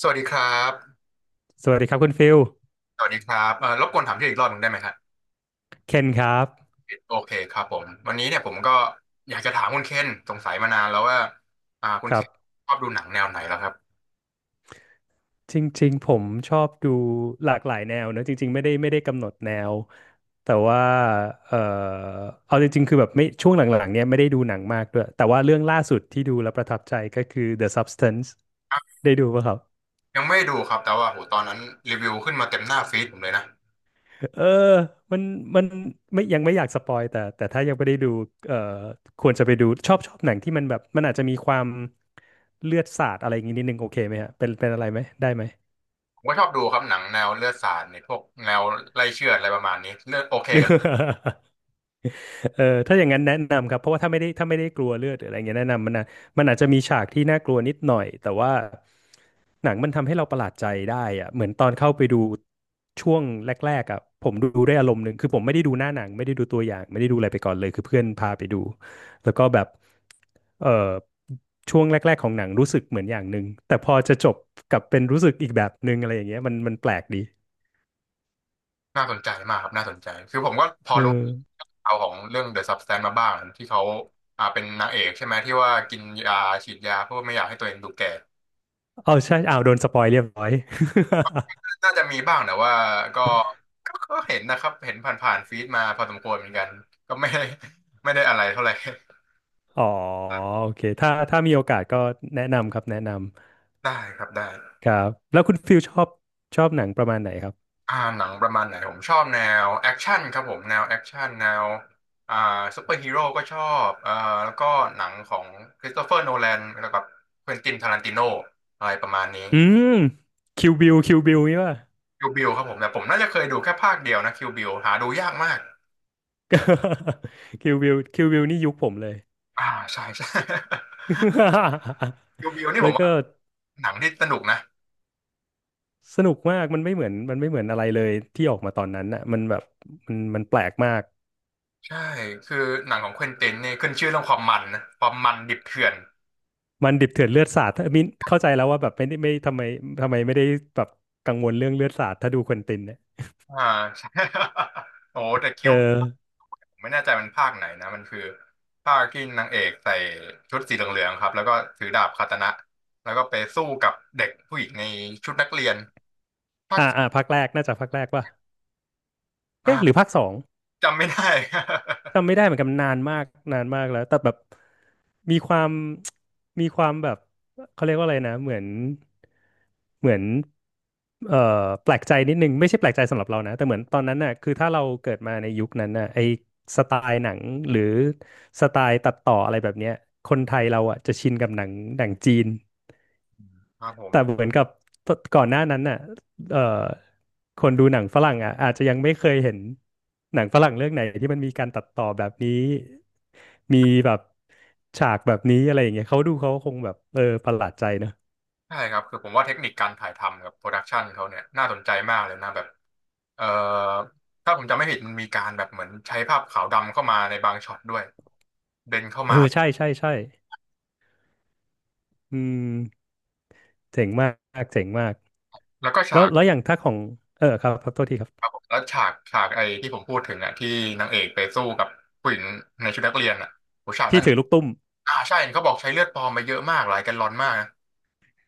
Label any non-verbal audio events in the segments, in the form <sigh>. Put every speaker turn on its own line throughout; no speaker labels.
สวัสดีครับ
สวัสดีครับคุณฟิล
สวัสดีครับรบกวนถามชื่ออีกรอบหนึ่งได้ไหมครับ
เคนครับ
โอเคครับผม วันนี้เนี่ยผมก็อยากจะถามคุณเคนสงสัยมานานแล้วว่าคุณ
ค
เค
รั
น
บ
ชอบดูหนังแนวไหนแล้วครับ
จริงๆผมชอบดูหลากหลายแนวเนอะจริงๆไม่ได้กำหนดแนวแต่ว่าเออเอาจริงๆคือแบบไม่ช่วงหลังๆเนี้ยไม่ได้ดูหนังมากด้วย แต่ว่าเรื่องล่าสุดที่ดูแล้วประทับใจก็คือ The Substance ได้ดูป่ะครับ
ยังไม่ดูครับแต่ว่าโหตอนนั้นรีวิวขึ้นมาเต็มหน้าฟีดผมเลยนะ
เออมันมันไม่ยังไม่อยากสปอยแต่ถ้ายังไม่ได้ดูเอ่อควรจะไปดูชอบหนังที่มันแบบมันอาจจะมีความเลือดสาดอะไรอย่างงี้นิดนึงโอเคไหมฮะเป็นอะไรไหมได้ไหม
ผมก็ชอบดูครับหนังแนวเลือดสาดเนี่ยพวกแนวไล่เชือดอะไรประมาณนี้เลือดโอเคกับ
<laughs> เออถ้าอย่างนั้นแนะนำครับเพราะว่าถ้าไม่ได้กลัวเลือดหรืออะไรเงี้ยแนะนำมันนะมันอาจจะมีฉากที่น่ากลัวนิดหน่อยแต่ว่าหนังมันทำให้เราประหลาดใจได้อะเหมือนตอนเข้าไปดูช่วงแรกๆอ่ะผมดูได้อารมณ์หนึ่งคือผมไม่ได้ดูหน้าหนังไม่ได้ดูตัวอย่างไม่ได้ดูอะไรไปก่อนเลยคือเพื่อนพาไปดูแล้วก็แบบเออช่วงแรกๆของหนังรู้สึกเหมือนอย่างหนึ่งแต่พอจะจบกลับเป็นรู้สึกอีกแบบหนึ่งอะไรอย่างเงี้ยมันแปลกดี
น่าสนใจมากครับน่าสนใจคือผมก็พอ
เอ
รู้
อ
เอาวของเรื่อง The Substance มาบ้างที่เขาเป็นนางเอกใช่ไหมที่ว่ากินยาฉีดยาเพื่อไม่อยากให้ตัวเองดูแก่
เอาใช่เอาโดนสปอยเรียบร้อย
น่าจะมีบ้างแต่ว่าก็ก็เห็นนะครับเห็นผ่านๆฟีดมาพอสมควรเหมือนกันก็ไม่ได้ <laughs> ไม่ได้อะไรเท่าไหร่
อ๋อโอเคถ้ามีโอกาสก็แนะนำครับแนะน
ได้ครับได้
ำครับแล้วคุณฟิลชอบหนังประมาณไหนครับ
หนังประมาณไหนผมชอบแนวแอคชั่นครับผมแนวแอคชั่นแนวอ่าซูเปอร์ฮีโร่ก็ชอบแล้วก็หนังของคริสโตเฟอร์โนแลนแล้วก็เควินตินทารันติโนอะไรประมาณนี้
อืมคิวบิลคิวบิลนี่ป่ะ
คิวบิลครับผมแต่ผมน่าจะเคยดูแค่ภาคเดียวนะคิวบิลหาดูยากมาก
<laughs> คิวบิลคิวบิล <laughs> นี่ยุคผมเลย
อ่าใช่ใช่ <laughs> คิวบิล
<laughs>
นี่
แล้
ผ
ว
ม
ก็
ว่าหนังที่สนุกนะ
สนุกมากมันไม่เหมือนมันไม่เหมือนอะไรเลยที่ออกมาตอนนั้นน่ะมันแบบมันแปลกมาก
ใช่ คือหนังของเควินตินนี่ขึ้นชื่อเรื่องความมันนะความมันดิบเถื่อน
มันดิบเถื่อนเลือดสาดถ้ามินเข้าใจแล้วว่าแบบไม่ได้ไม่ทำไมทำไมไม่ได้แบบกังวลเรื่องเลือดสาดถ้าดูควินตินเนี่ย
อ่าใช่ <laughs> โอ้แต่คิ
เออ
วผมไม่แน่ใจมันภาคไหนนะ มันคือภาคที่นางเอกใส่ชุดสีเหลืองๆครับ แล้วก็ถือดาบคาตานะ แล้วก็ไปสู้กับเด็กผู้หญิงในชุดนักเรียนภาค
อ่าอ่าภาคแรกน่าจะภาคแรกป่ะ เอ๊ะหรือ
อ่า
ภาคสอง
จำไม่ได้
จำไม่ได้เหมือนกันนานมากนานมากแล้วแต่แบบมีความมีความแบบเขาเรียกว่าอะไรนะเหมือนเอ่อแปลกใจนิดนึงไม่ใช่แปลกใจสำหรับเรานะแต่เหมือนตอนนั้นน่ะคือถ้าเราเกิดมาในยุคนั้นน่ะไอสไตล์หนังหรือสไตล์ตัดต่ออะไรแบบเนี้ยคนไทยเราอ่ะจะชินกับหนังหนังจีน
<laughs> ครับผ
แต่
ม
เหมือนกับก่อนหน้านั้นน่ะเอ่อคนดูหนังฝรั่งอ่ะอาจจะยังไม่เคยเห็นหนังฝรั่งเรื่องไหนที่มันมีการตัดต่อแบบนี้มีแบบฉากแบบนี้อะไรอย่างเงี้ยเขาดูเขาคงแบบเออประหลาดใจเนอะ
ใช่ครับคือผมว่าเทคนิคการถ่ายทำกับโปรดักชันเขาเนี่ยน่าสนใจมากเลยนะแบบเอ่อถ้าผมจำไม่ผิดมันมีการแบบเหมือนใช้ภาพขาวดำเข้ามาในบางช็อตด้วยเบนเข้า
เอ
มา
อใช่ใช่อืมเจ๋งมากเจ๋งมาก
แล้วก็
แล้
ฉา
ว
ก
แล้วอย่างถ้าของเออครับโทษทีครับ
ครับผมแล้วฉากไอ้ที่ผมพูดถึงอ่ะที่นางเอกไปสู้กับผู้หญิงในชุดนักเรียนอ่ะ
ที่ถือลูกตุ้ม
อ่าใช่เห็นเขาบอกใช้เลือดปลอมไปเยอะมากหลายแกลลอนมากนะ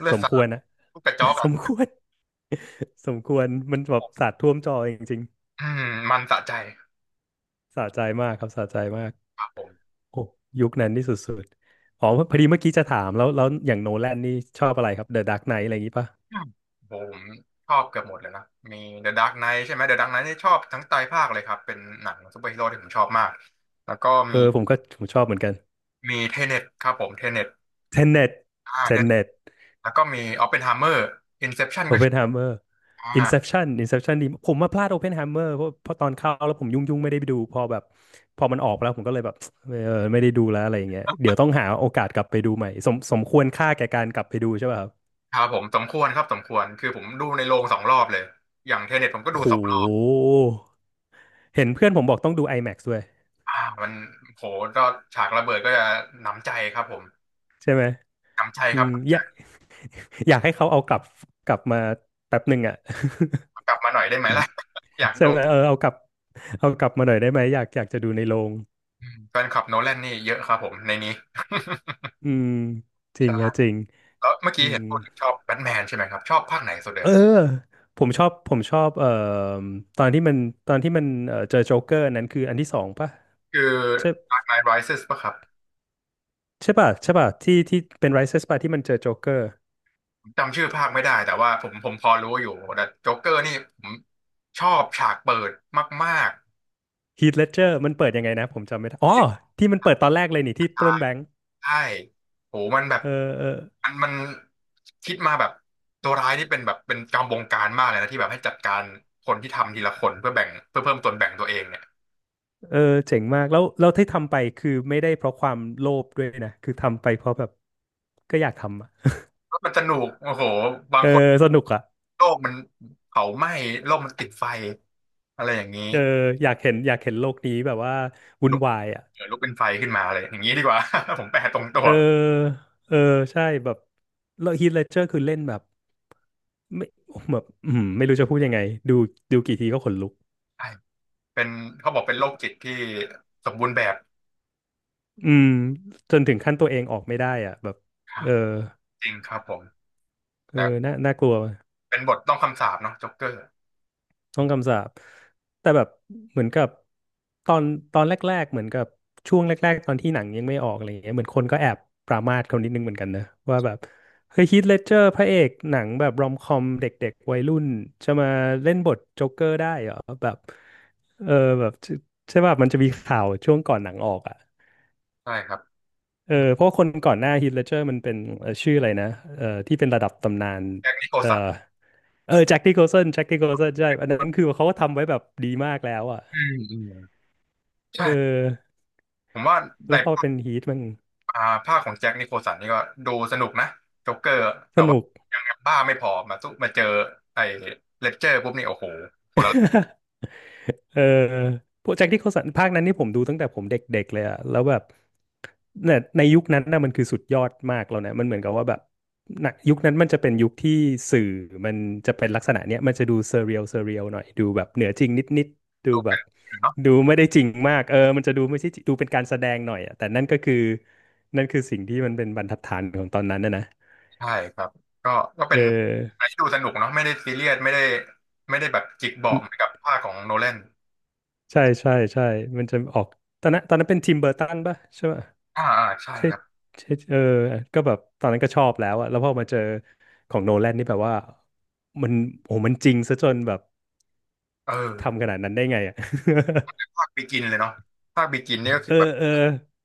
เลือ
ส
ด
ม
สา
คว
ด
รนะ
ลูกกระจอก
<laughs> ส
อ่ะ
มควร <laughs> สมควรมันแบบสาดท่วมจอจริง
อืมมันสะใจ
ๆสะใจมากครับสะใจมาก
ครับผม
โอ้ยุคนั้นนี่สุดๆอ๋อพอดีเมื่อกี้จะถามแล้วแล้วอย่างโนแลนนี่ชอบอะไรครับ The Dark Knight อะไรอย่างนี้ป่ะ
อืมผมชอบเกือบหมดเลยนะมี The Dark Knight ใช่ไหม The Dark Knight นี่ชอบทั้งไตรภาคเลยครับเป็นหนังซูเปอร์ฮีโร่ที่ผมชอบมากแล้วก็
เอ
มี
อผมชอบเหมือนกัน
เทเนตครับผมเทเน t ต
Tenet
เทเนต
Tenet
แล้วก็มีออปเพนไฮเมอร์อินเซปชันก็ชอบ
Oppenheimer
อ่า
Inception Inception นี่ผมมาพลาด Oppenheimer เพราะตอนเข้าแล้วผมยุ่งๆไม่ได้ไปดูพอแบบพอมันออกไปแล้วผมก็เลยแบบเออไม่ได้ดูแล้วอะไรอย่างเงี้ยเดี๋ยวต้องหาโอกาสกลับไปดูใหม่สมควรค่าแก่การกลับไปดูใช่ป่ะครับ
ครับผมสมควรครับสมควรคือผมดูในโรงสองรอบเลยอย่างเทเน t ตผมก็ดู
โห
สองรอบ
เห็นเพื่อนผมบอกต้องดู IMAX ด้วย
อ่ามันโหก็ฉากระเบิดก็จะหนำใจครับผม
ใช่ไหม
หนำใจ
อื
ครับ
ม
หนำใจ
อยากให้เขาเอากลับมาแป๊บหนึ่งอ่ะ <laughs>
กลับมาหน่อยได้ไหมล่ะ <laughs> อยาก
ใช่
ดู
ไหมเออเอากลับมาหน่อยได้ไหมอยากจะดูในโรง
อืมแฟนคลับโนแลนนี่เยอะครับผมในนี้
อืมจ
<laughs>
ริ
ใช่
งฮะจริง
แล้วเมื่อ
อื
กี้เห็น
ม
พูดถึงชอบแบทแมนใช่ไหมครับชอบภาคไหนสุดเล
เอ
ย
อผมชอบตอนที่มันตอนที่มันเจอโจ๊กเกอร์นั้นคืออันที่สองป่ะ
คือ
ใช่
Dark Knight Rises ป่ะครับ
ใช่ป่ะใช่ป่ะที่เป็น Rises ป่ะที่มันเจอโจ๊กเกอร์
ผมจำชื่อภาคไม่ได้แต่ว่าผมพอรู้อยู่แต่โจ๊กเกอร์นี่ผมชอบฉากเปิดมาก
h ีทเลดเจอร์มันเปิดยังไงนะผมจำไม่ได้
ๆ
อ๋อ
ที่
ที่มันเปิดตอนแรกเลยนี่ที่ปล้นแบงก์
ใช่โหมันแบบ
เออเออ
มันคิดมาแบบตัวร้ายนี่เป็นแบบเป็นจอมบงการมากเลยนะที่แบบให้จัดการคนที่ทำทีละคนเพื่อแบ่งเพื่อเพิ่มส่วนแบ่งตัวเองเนี่ย
เออเจ๋งมากแล้วเร้วที่ทำไปคือไม่ได้เพราะความโลภด้วยนะคือทำไปเพราะแบบก็อยากทำอะ
แล้วมันสนุกโอ้โหบาง
เอ
คน
อสนุกอ่ะ
โลกมันเผาไหม้โลกมันติดไฟอะไรอย่างนี้
เอออยากเห็นโลกนี้แบบว่าวุ่น
ลุก
วายอ่ะ
เออลุกเป็นไฟขึ้นมาเลยอย่างนี้ดีกว่า <laughs> ผมแปลตรงตั
เอ
ว
อเออใช่แบบแล้วฮีทเลดเจอร์คือเล่นแบบไม่แบบอืมไม่รู้จะพูดยังไงดูดูกี่ทีก็ขนลุก
ใช่เป็นเขาบอกเป็นโรคจิตที่สมบูรณ์แบบ
อืมจนถึงขั้นตัวเองออกไม่ได้อ่ะแบบ
ครั
เออ
บจริงครับผม
เอ
นะ
อน่ากลัว
เป็นบทต้องคำสาปเนาะจ็อกเกอร์
ช่องคำสาปแต่แบบเหมือนกับตอนตอนแรกๆเหมือนกับช่วงแรกๆตอนที่หนังยังไม่ออกอะไรอย่างเงี้ยเหมือนคนก็แอบปรามาสเขานิดนึงเหมือนกันนะว่าแบบเฮ้ยฮีทเลดเจอร์พระเอกหนังแบบรอมคอมเด็กๆวัยรุ่นจะมาเล่นบทโจ๊กเกอร์ได้เหรอแบบเออแบบใช่ใช่ป่ะมันจะมีข่าวช่วงก่อนหนังออกอ่ะ
ใช่ครับ
เออเพราะว่าคนก่อนหน้าฮีทเลดเจอร์มันเป็นชื่ออะไรนะเออที่เป็นระดับตำนาน
แจ็คนิโคล
เออ
สัน
เออแจ็คที่โคลสันแจ็คที่โคลสันใช่อันนั้นคือเขาก็ทำไว้แบบดีมากแล้วอ่ะ
อืมอืม
เอ
ใช่
อ
ผมว่าใน
แล้วพอเป็นฮีทมัน
อ่าภาคของแจ็คนิโคลสันนี่ก็ดูสนุกนะจ็อกเกอร์
ส
แต่ว่า
นุก
ยังบ้าไม่พอมาสู้มาเจอไอ้เลดเจอร์ปุ๊บนี่โอ้โหคนละ
เออพวกแจ็คที่เขาสันภาคนั้นนี่ผมดูตั้งแต่ผมเด็กๆเลยอะแล้วแบบเนี่ยในยุคนั้นน่ะมันคือสุดยอดมากแล้วนะมันเหมือนกับว่าแบบณยุคนั้นมันจะเป็นยุคที่สื่อมันจะเป็นลักษณะเนี้ยมันจะดูเซเรียลเซเรียลหน่อยดูแบบเหนือจริงนิดๆดู
ดู
แบ
เป็
บ
น
ดูไม่ได้จริงมากเออมันจะดูไม่ใช่จริงดูเป็นการแสดงหน่อยอะแต่นั่นก็คือนั่นคือสิ่งที่มันเป็นบรรทัดฐานของตอนนั้นนะ
ใช่ครับก็ก็
เ
เป็นอะไร
ออ
ที่ดูสนุกเนาะไม่ได้ซีเรียสไม่ได้ไม่ได้แบบจิกเบาะเหมือนกับภาคของโนแลน
ใช่ใช่ใช่มันจะออกตอนนั้นเป็นทิมเบอร์ตันป่ะใช่ไหม
อ่าอ่าใช่
ใช่
ครับ
ใช่เออก็แบบตอนนั้นก็ชอบแล้วอะแล้วพอมาเจอของโนแลนนี่แบบว่ามันโอ้มันจริงซะจนแบบ
เออ
ทำขนาดนั้นได้ไงอะ
ภาคบิกินเลยเนาะภาคบิกินเนี่ย
<laughs>
ก็
เอ
คือแบ
อ
บ
เออ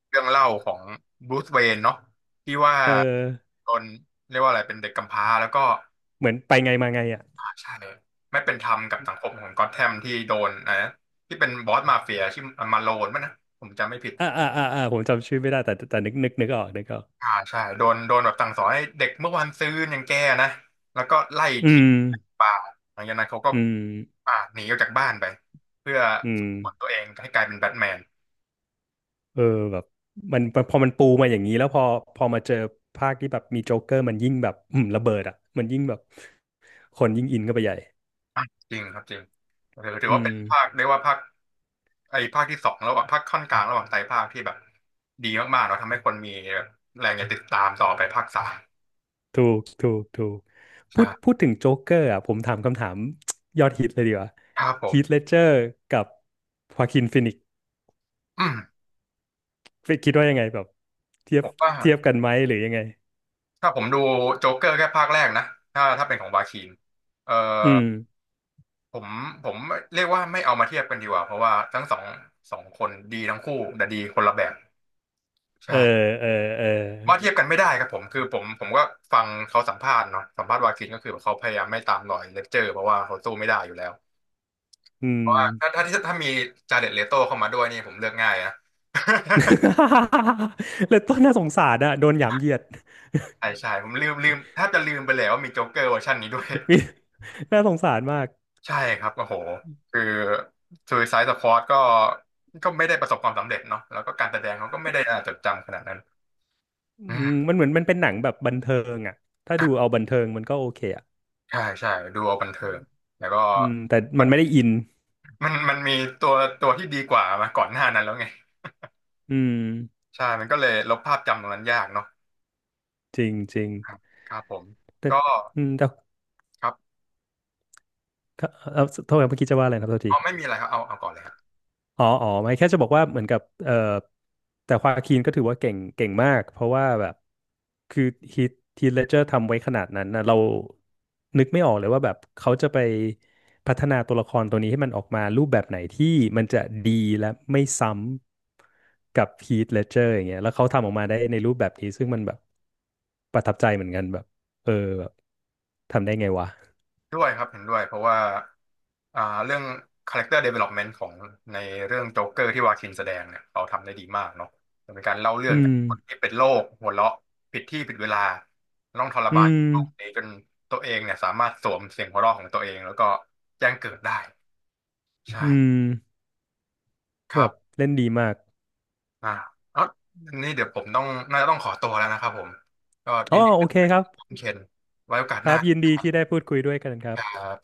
เรื่องเล่าของบรูซเวย์นเนาะที่ว่า
เออ
โดนเรียกว่าอะไรเป็นเด็กกำพร้าแล้วก็
เหมือนไปไงมาไงอะ
อ่าใช่ไม่เป็นธรรมกับสังคมของก็อ t แ m มที่โดนนะที่เป็นบอสมาเฟียชื่อมาโลนมั้ยนะผมจำไม่ผิด
อ่าอ่าอ่าอ่าผมจำชื่อไม่ได้แต่นึกออกนึกออก
อ่าใช่โดนแบบสั่งสอนให้เด็กเมื่อวานซืนอย่างแกนะแล้วก็ไล่
อื
ทิ้ง
ม
ไล่ป่าหลังจากนั้นเขาก็
อืม
หนีออกจากบ้านไปเพื่อ
อื
ฝึ
ม
กฝนตัวเองให้กลายเป็นแบทแมน
เออแบบมันพอมันปูมาอย่างนี้แล้วพอมาเจอภาคที่แบบมีโจ๊กเกอร์มันยิ่งแบบอืมระเบิดอ่ะมันยิ่งแบบคนยิ่งอินเข้าไปใหญ่
อ่ะจริงครับจริงถือ
อื
ว่าเป็
ม
นภาคเรียกว่าภาคไอ้ภาคที่สองระหว่างภาคค่อนกลางระหว่างไตรภาคที่แบบดีมากๆเนาะทำให้คนมีแบบแรงจะติดตามต่อไปภาคสาม
ถูกถูกถูกพูด
ใช่
พูดถึงโจ๊กเกอร์อ่ะผมถามคำถาม <tsk> ยอดฮิตเลยดีกว่า
ครับผม
ฮีทเลดเจอร์กับฮวาคินฟินิกซ์
อืม
คิดว่ายังไงแบบเทีย
ผ
บ
มว่า
เทียบกันไหมหรือยังไง
ถ้าผมดูโจ๊กเกอร์แค่ภาคแรกนะถ้าเป็นของวาคินเออ
อืม
ผมผมเรียกว่าไม่เอามาเทียบกันดีกว่าเพราะว่าทั้งสองสองคนดีทั้งคู่แต่ดีคนละแบบ
เอ
ใช่
อเออเออ
ว่าเทียบกันไม่ได้ครับผมคือผมก็ฟังเขาสัมภาษณ์เนาะสัมภาษณ์วากินก็คือเขาพยายามไม่ตามรอยเลคเจอร์เพราะว่าเขาสู้ไม่ได้อยู่แล้ว
อื
เพ
ม
ราะว่าถ้ามีจาเด็ดเลโต้เข้ามาด้วยนี่ผมเลือกง่ายนะ <laughs>
<laughs> เลยต้นน่าสงสารอ่ะโดนหยามเหยียด
ใช่ใช่ผมลืมแทบจะลืมไปแล้วว่ามีโจ๊กเกอร์เวอร์ชันนี้ด้วย
<laughs> มีน่าสงสารมาก
ใช่ครับโอ้โหคือ Suicide Squad ก็ไม่ได้ประสบความสำเร็จเนาะแล้วก็การแสดงเขาก็ไม่ได้น่าจดจำขนาดนั้น
อืมมันเหมือนมันเป็นหนังแบบบันเทิงอ่ะถ้าดูเอาบันเทิงมันก็โอเคอ่ะ
ใช่ใช่ดูเอาบันเทิงแล้วก็
อืมแต่มันไม่ได้อิน
มันมีตัวตัวที่ดีกว่ามาก่อนหน้านั้นแล้วไง
อืม
ใช่มันก็เลยลบภาพจำตรงนั้นยากเนาะ
จริงจริง
ครับครับผม
แต่
ก็
อืมแต่
ครับ
ก็โทษครับเมื่อกี้จะว่าอะไรนะครับโทษที
เอาไม่มีอะไรครับเอาเอาก่อนเลยฮะ
อ๋อ อ๋อ ไม่แค่จะบอกว่าเหมือนกับแต่ควาคินก็ถือว่าเก่งเก่งมากเพราะว่าแบบคือฮีทฮีทเลดเจอร์ทำไว้ขนาดนั้นนะเรานึกไม่ออกเลยว่าแบบเขาจะไปพัฒนาตัวละครตัวนี้ให้มันออกมารูปแบบไหนที่มันจะดีและไม่ซ้ำกับฮีทเลดเจอร์อย่างเงี้ยแล้วเขาทำออกมาได้ในรูปแบบนี้ซึ่งมันแบบประทับใจเหมือนกันแบบเออแบบทำได้ไงวะ
ด้วยครับเห็นด้วยเพราะว่าอ่าเรื่อง character development ของในเรื่องโจ๊กเกอร์ที่วาคินแสดงเนี่ยเขาทำได้ดีมากเนาะเป็นการเล่าเรื่อ
อื
งจาก
ม
คนที่เป็นโรคหัวเราะผิดที่ผิดเวลาต้องทร
อื
มาน
ม
โรคนี้จนตัวเองเนี่ยสามารถสวมเสียงหัวเราะของตัวเองแล้วก็แจ้งเกิดได้ใช่
อืม
ค
แบ
รับ
บเล่นดีมาก
อ่าเอานี่เดี๋ยวผมต้องน่าจะต้องขอตัวแล้วนะครับผมก็
อ๋
ยิ
อ
นดี
โอ
ที่
เค
ได้คุย
ครับ
กับคุณเคนไว้โอกาส
ค
ห
รั
น้า
บยินดีที่ได้พูดคุยด้วยกันครับ
ครับ